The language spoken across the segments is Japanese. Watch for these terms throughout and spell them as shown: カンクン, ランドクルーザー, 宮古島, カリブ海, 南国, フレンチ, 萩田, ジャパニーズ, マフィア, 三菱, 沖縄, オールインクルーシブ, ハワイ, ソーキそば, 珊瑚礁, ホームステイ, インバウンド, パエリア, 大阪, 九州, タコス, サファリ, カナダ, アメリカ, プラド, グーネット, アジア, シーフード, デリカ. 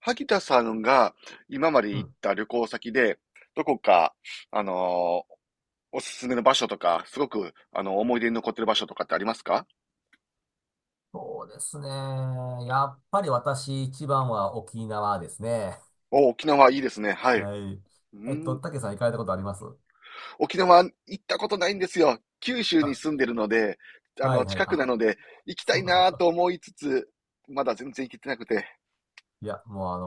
萩田さんが今までう行っん。た旅行先で、どこか、あのーおすすめの場所とか、すごく、思い出に残ってる場所とかってありますか？そうですね。やっぱり私一番は沖縄ですね。お、沖縄いいですね。はい。はい。うん。たけさん行かれたことあります沖縄行ったことないんですよ。九州にあ、住んでるので、あはいの、はい。近くなあ、ので、行きたそいうかそうなとか。思いつつ、まだ全然行けてなくて。いや、もうあ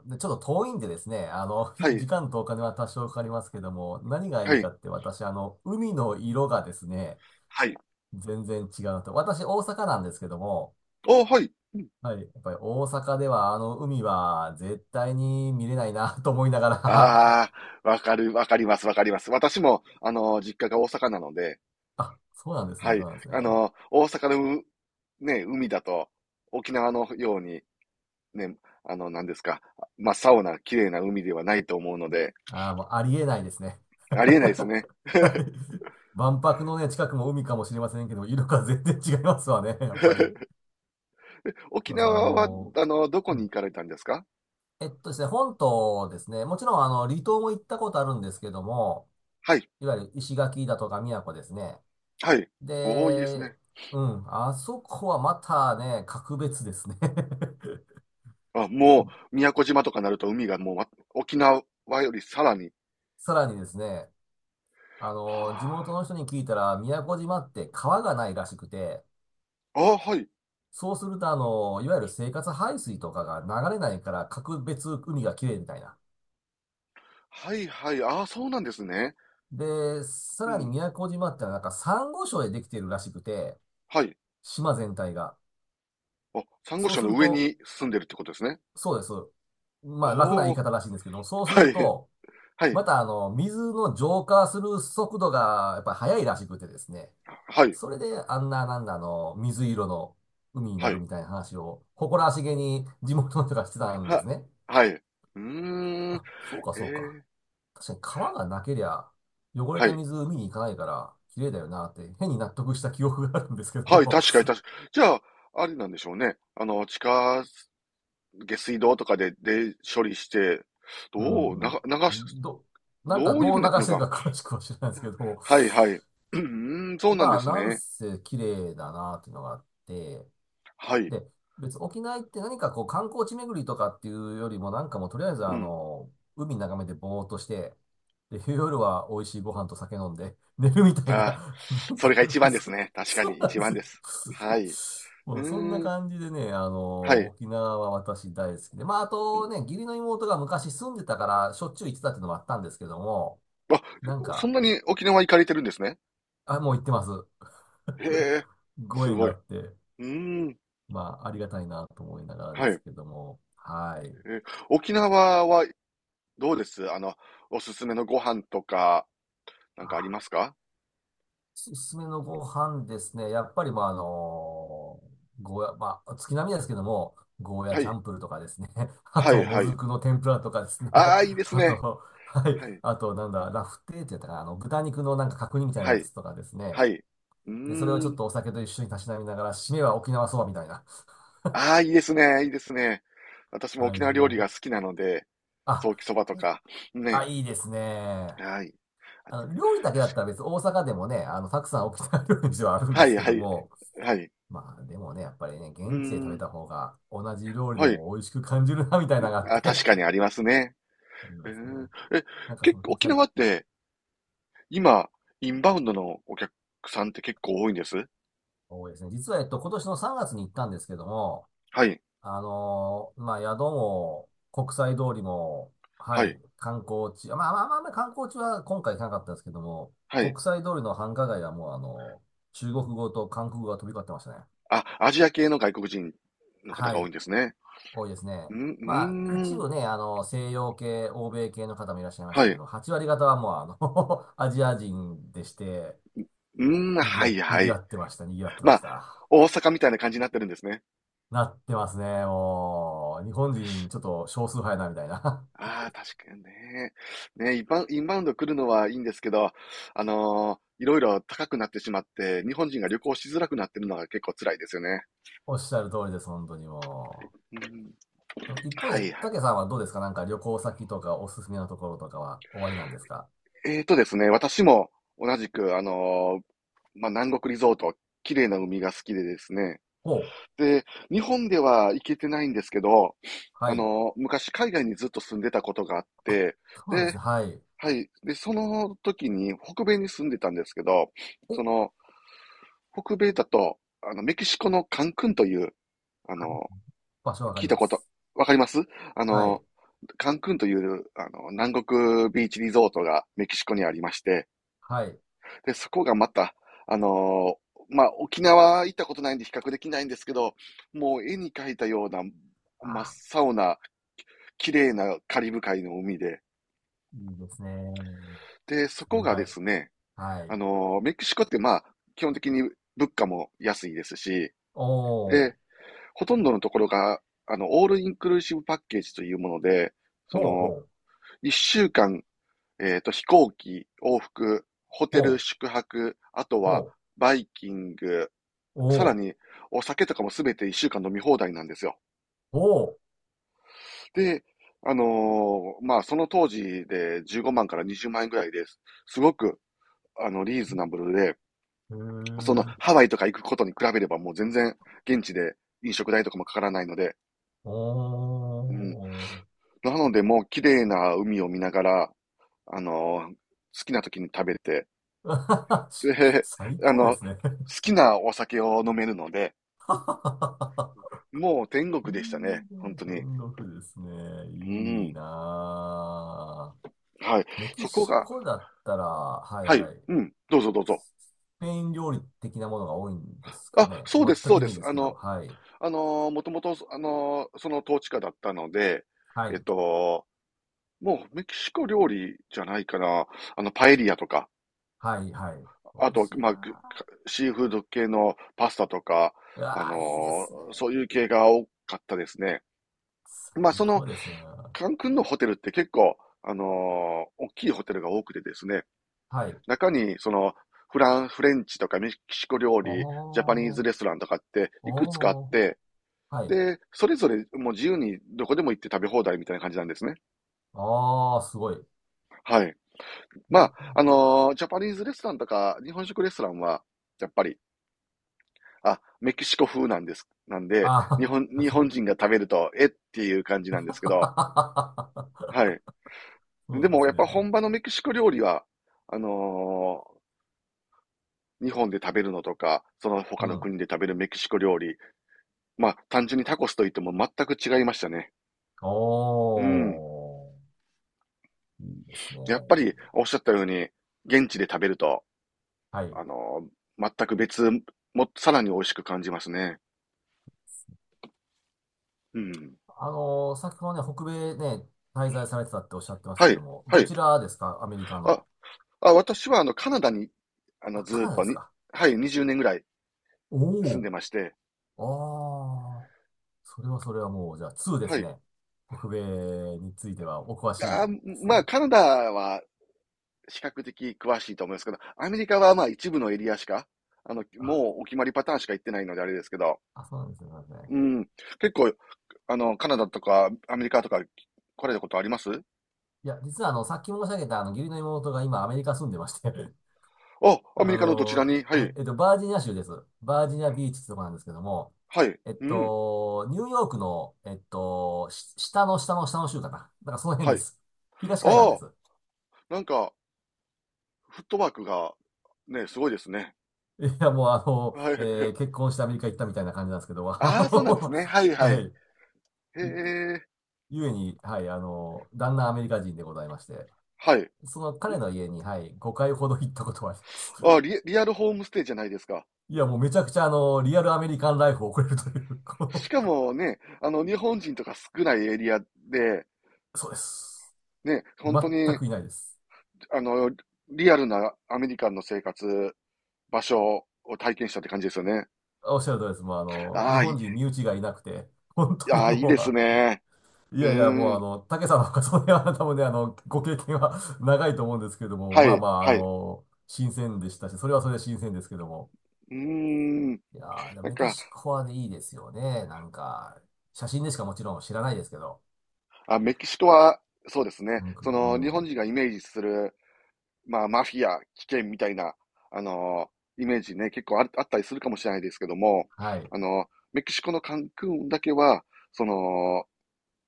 の、でちょっと遠いんでですね、はい、時間とお金は多少かかりますけども、何がはいいかい、って私、海の色がですね、はい。全然違うなと。私、大阪なんですけども、お、はい。はい。やっぱり大阪ではあの海は絶対に見れないな と思いながら あ あ、わかる、わかります、わかります。私も、あの、実家が大阪なので、あ、そうなんですはね、そい。うなんですね。あの、大阪のう、ね、海だと、沖縄のように、ね、あの、何ですか、真っ青な綺麗な海ではないと思うので、ああ、もうありえないですね。ありえないです ね。はい。万博のね、近くも海かもしれませんけど、色が全然違いますわね、やっぱり。沖そうそう、縄は、あの、どこうに行ん。かれたんですか？えっとですね、本島ですね、もちろん離島も行ったことあるんですけども、はい、いわゆる石垣だとか宮古ですね。はい。おお、いいですで、ね。うん、あそこはまたね、格別ですね。あ、も う、宮古島とかなると海がもう、ま沖縄よりさらに。さらにですね、地は元の人に聞いたら、宮古島って川がないらしくて、あ。あ、はい。そうすると、いわゆる生活排水とかが流れないから、格別海が綺麗みたいな。はいはい。あ、そうなんですね。で、さうらにん。宮古島ってのはなんかサンゴ礁でできているらしくて、はい。島全体が。あ、珊瑚そう礁すのる上と、に住んでるってことですね。そうです。おまあ、楽な言いお。方らしいんですけども、そうすはるい。と、はい。また水の浄化する速度がやっぱり速いらしくてですね。はい。それであんな、なんだ、水色の海になはるい。みたいな話を、誇らしげに地元の人がしてたんですは、ね。はい。うーん。へあ、そうか、そうか。え。確かに川がなけりゃ、汚れはたい。水海に行かないから、綺麗だよなって変に納得した記憶があるんですけどはい、も。確かに確かにじゃあ、あれなんでしょうね。あの、地下下水道とかで、で、処理して、うどう、なん、が流しど、なんかどういう風にどうなっ流てるのしてるか。か詳しくは知らないですけど、はいはい。うーん、そうなんまであ、すなんね。せ綺麗だなっていうのがあって、はい。で、別、沖縄行って何かこう観光地巡りとかっていうよりも、なんかもうとりあえずうん。海眺めてぼーっとして、で、夜は美味しいご飯と酒飲んで、寝るみたいな、ああ、なんそか、れが一番ですそ、ね。確かそうにな一んです番よ。です。はい。う まあ、そんなーん。感じでね、はい。沖縄は私大好きで、まあ、あうとん。ね、義理の妹が昔住んでたから、しょっちゅう行ってたっていうのもあったんですけども、あ、なんそんか、なに沖縄行かれてるんですね。あ、もう行ってます。へ え、ごす縁がごあい。って。うーん。まあ、ありがたいなと思いながらではすい。けども、はい。え、沖縄はどうですあの、おすすめのご飯とか、なんかありまあ、すか？おすすめのご飯ですね。やっぱり、まあ、ゴーヤ、まあ、月並みですけども、ゴーヤはチャい。ンプルとかですね。あはい、と、もはずい。くの天ぷらとかですね。ああ、いいで すあね。と、はい。はい、あと、なんだ、ラフテーってやったかな。豚肉のなんか角煮みたいなはやい、つとかですね。はい。うで、それをちょっーん。とお酒と一緒にたしなみながら、締めは沖縄そばみたいな。ああ、いいですね。いいですね。私もはい、沖縄料理もう。が好きなので、ソあ、ーキそばといい、か、あ、ね。いいですね。はい。あて料理だけだっ確たら別に大阪でもね、たくさん沖縄料理店はあるんでかに。すけはどい、も、はい、はい。まあでもね、やっぱりね、うー現地で食べん。た方が同じ料理ではい。も美味しく感じるな、みたいなのがあっあ、て 確かにありますね。ありえますね。ー、え、なんかそ結の、構沖はい、縄って今、インバウンドのお客さんって結構多いんです？多いですね。実は、今年の3月に行ったんですけども、はい、まあ宿も国際通りも、ははい、い、観光地、まあ観光地は今回行かなかったんですけども、はい。国際通りの繁華街はもう中国語と韓国語が飛び交ってましたね。あ、アジア系の外国人の方はが多いい。んですね。多いですね。うん、うまあ、ー一ん。部ね、西洋系、欧米系の方もいらっしゃいましはたい。けうど、8割方はもう、あの アジア人でして、ーん、はい、にはぎい。わってました、にぎわってまましあ、た。大阪みたいな感じになってるんですね。なってますね、もう。日本人、ちょっと少数派やな、みたいな。ああ、確かにね。ね、インバウインバウンド来るのはいいんですけど、いろいろ高くなってしまって、日本人が旅行しづらくなってるのが結構辛いですよね。おっしゃる通りです、本当にもうん、う。あの一方はで、い。竹さんはどうですかなんか旅行先とかおすすめのところとかは終わりなんですか？えーとですね、私も同じく、まあ、南国リゾート、綺麗な海が好きでですね、お、で、日本では行けてないんですけど、はあい。の、昔海外にずっと住んでたことがあって、そうなんですで、ね、はい。はい。で、その時に北米に住んでたんですけど、お、その、北米だと、あの、メキシコのカンクンという、あの、場所わか聞りいたまこと、す。わかります？あはの、い、カンクンという、あの、南国ビーチリゾートがメキシコにありまして、はい。で、そこがまた、あのまあ、沖縄行ったことないんで比較できないんですけど、もう絵に描いたような真っあ青な綺麗なカリブ海の海で、ー、いいですね。で、そこ愉がで快。すね、はい。メキシコってまあ、基本的に物価も安いですし、おで、ー、ほとんどのところが、あの、オールインクルーシブパッケージというもので、そほうほの、う、一週間、えっと、飛行機、往復、ホテほル、う、宿泊、あとほは、バイキング、う、さおらー、に、お酒とかもすべて1週間飲み放題なんですよ。ほで、あのまあ、その当時で15万から20万円ぐらいです。すごく、あの、リーズナブルで、う、へその、ー、ハワイとか行くことに比べればもう全然、現地で飲食代とかもかからないので、おうん。ー。なので、もう綺麗な海を見ながら、あのー好きな時に食べて、で、最 あ高での、好すね。きなお酒を飲めるので、もう天い国いでしたね、本ね、当に。天国ですね。ういいん。なはい。ぁ。メキそこシが、コだったら、はいはい。はい。うん。どうぞどうぞ。スペイン料理的なものが多いんですかあ、ね。そうです全そくうイでメージす。ですあけど、の、はい。もともと、その統治下だったので、はえっい。と、もうメキシコ料理じゃないかな。あの、パエリアとか、はいはい。あ美味と、しいまあ、くなかぁ。シーフード系のパスタとか、うあわぁ、いいでのすね。そういう系が多かったですね。まあ、最その、高ですね。カンクンのホテルって結構、あの、大きいホテルが多くてですね、はい。あ中に、その、フラン、フレンチとかメキシコ料あ、理、ジャパニーおズレストランとかって、いくつかあっー、て、はい。で、それぞれもう自由にどこでも行って食べ放題みたいな感じなんですね。ああ、すごい。はい。まあ、ジャパニーズレストランとか、日本食レストランは、やっぱり、あ、メキシコ風なんです。なんで、日あ本、あ、日本 人が食べると、えっていう感じなんですけど、はい。そでうでも、すやっね。ぱ本場のメキシコ料理は、あのー日本で食べるのとか、そのう他のん。国で食べるメキシコ料理、まあ、単純にタコスと言っても全く違いましたね。おうん。ー、いいですね。やっぱり、おっしゃったように、現地で食べると、はい。あのー全く別、も、さらに美味しく感じますね。うん。先ほどね、北米ね、滞在されてたっておっしゃってましたはけい、ども、はどい。ちらですかアメリカの。あ、あ、私は、あの、カナダに、あの、あ、ずカーっナダとですに、か？はい、20年ぐらいお住んお、でまして、ああ、それはそれはもう、じゃあ2ではすい。ね。北米についてはお詳しいあでー、すまあ、ね。カナダは比較的詳しいと思いますけど、アメリカはまあ一部のエリアしか、あの、あ、もうお決まりパターンしか行ってないのであれですけど、あ、そうなんですね。そうなんですね。うん。結構、あの、カナダとかアメリカとか来られたことあります？いや、実はあの、さっき申し上げたあの、義理の妹が今アメリカ住んでまして あ、アメあリカのどちの、らにははい、い。バージニア州です。バージニアビーチってとこなんですけども、はい。うん。ニューヨークの、下の下の下の州かな。なんかその辺はでい。す。東海岸あであ、す。なんか、フットワークが、ね、すごいですね。いや、もうあの、はい。結婚してアメリカ行ったみたいな感じなんですけど、あああ、そうなんですの、ね。はい ははい。い。へいえ。ゆえに、はい、旦那アメリカ人でございまして、はい。その彼の家に、はい、5回ほど行ったことはあります。あ、リ、リアルホームステイじゃないですか。いや、もうめちゃくちゃリアルアメリカンライフを送れるという、しこかもね、あの、日本人とか少ないエリアで、う、そうです。ね、本当全に、くいないです。あの、リアルなアメリカンの生活、場所を体験したって感じですよね。おっしゃる通りです。もうあ日あ、い本人身内がいなくて、本当にああ、いいもでうすあ、ね。いうやいや、もーうん。竹さんの方がそれは多分ね、ご経験は 長いと思うんですけれども、はまあい、まあ、はい。新鮮でしたし、それはそれで新鮮ですけども。うーん。いやー、でもなんメキか、シコはね、いいですよね。なんか、写真でしかもちろん知らないですけど。あ、メキシコは、そうですね。なんか、うその、日本ん。人がイメージする、まあ、マフィア、危険みたいな、あの、イメージね、結構あ、あったりするかもしれないですけども、はい。あの、メキシコのカンクンだけは、その、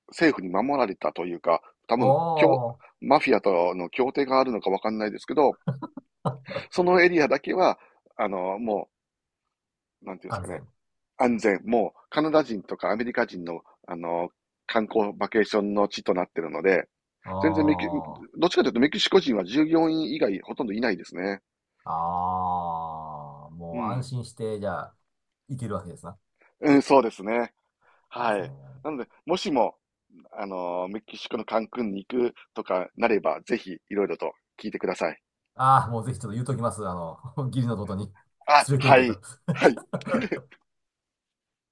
政府に守られたというか、多お分、協ー、マフィアとの協定があるのかわかんないですけど、そのエリアだけは、あの、もう、なんていうんです安かね、全。安全、もうカナダ人とかアメリカ人の、あの、観光バケーションの地となっているので、全然メキ、ああ。どっちかというとメキシコ人は従業員以外ほとんどいないですね。ああ、うもう安ん。心して、じゃあ、いけるわけですな。うん、そうですね。いいではすね。い。なので、もしも、あの、メキシコのカンクンに行くとかなれば、ぜひいろいろと聞いてください。ああ、もうぜひちょっと言うときます。あの、義理の弟にあ、連れて行はけい。と。はい。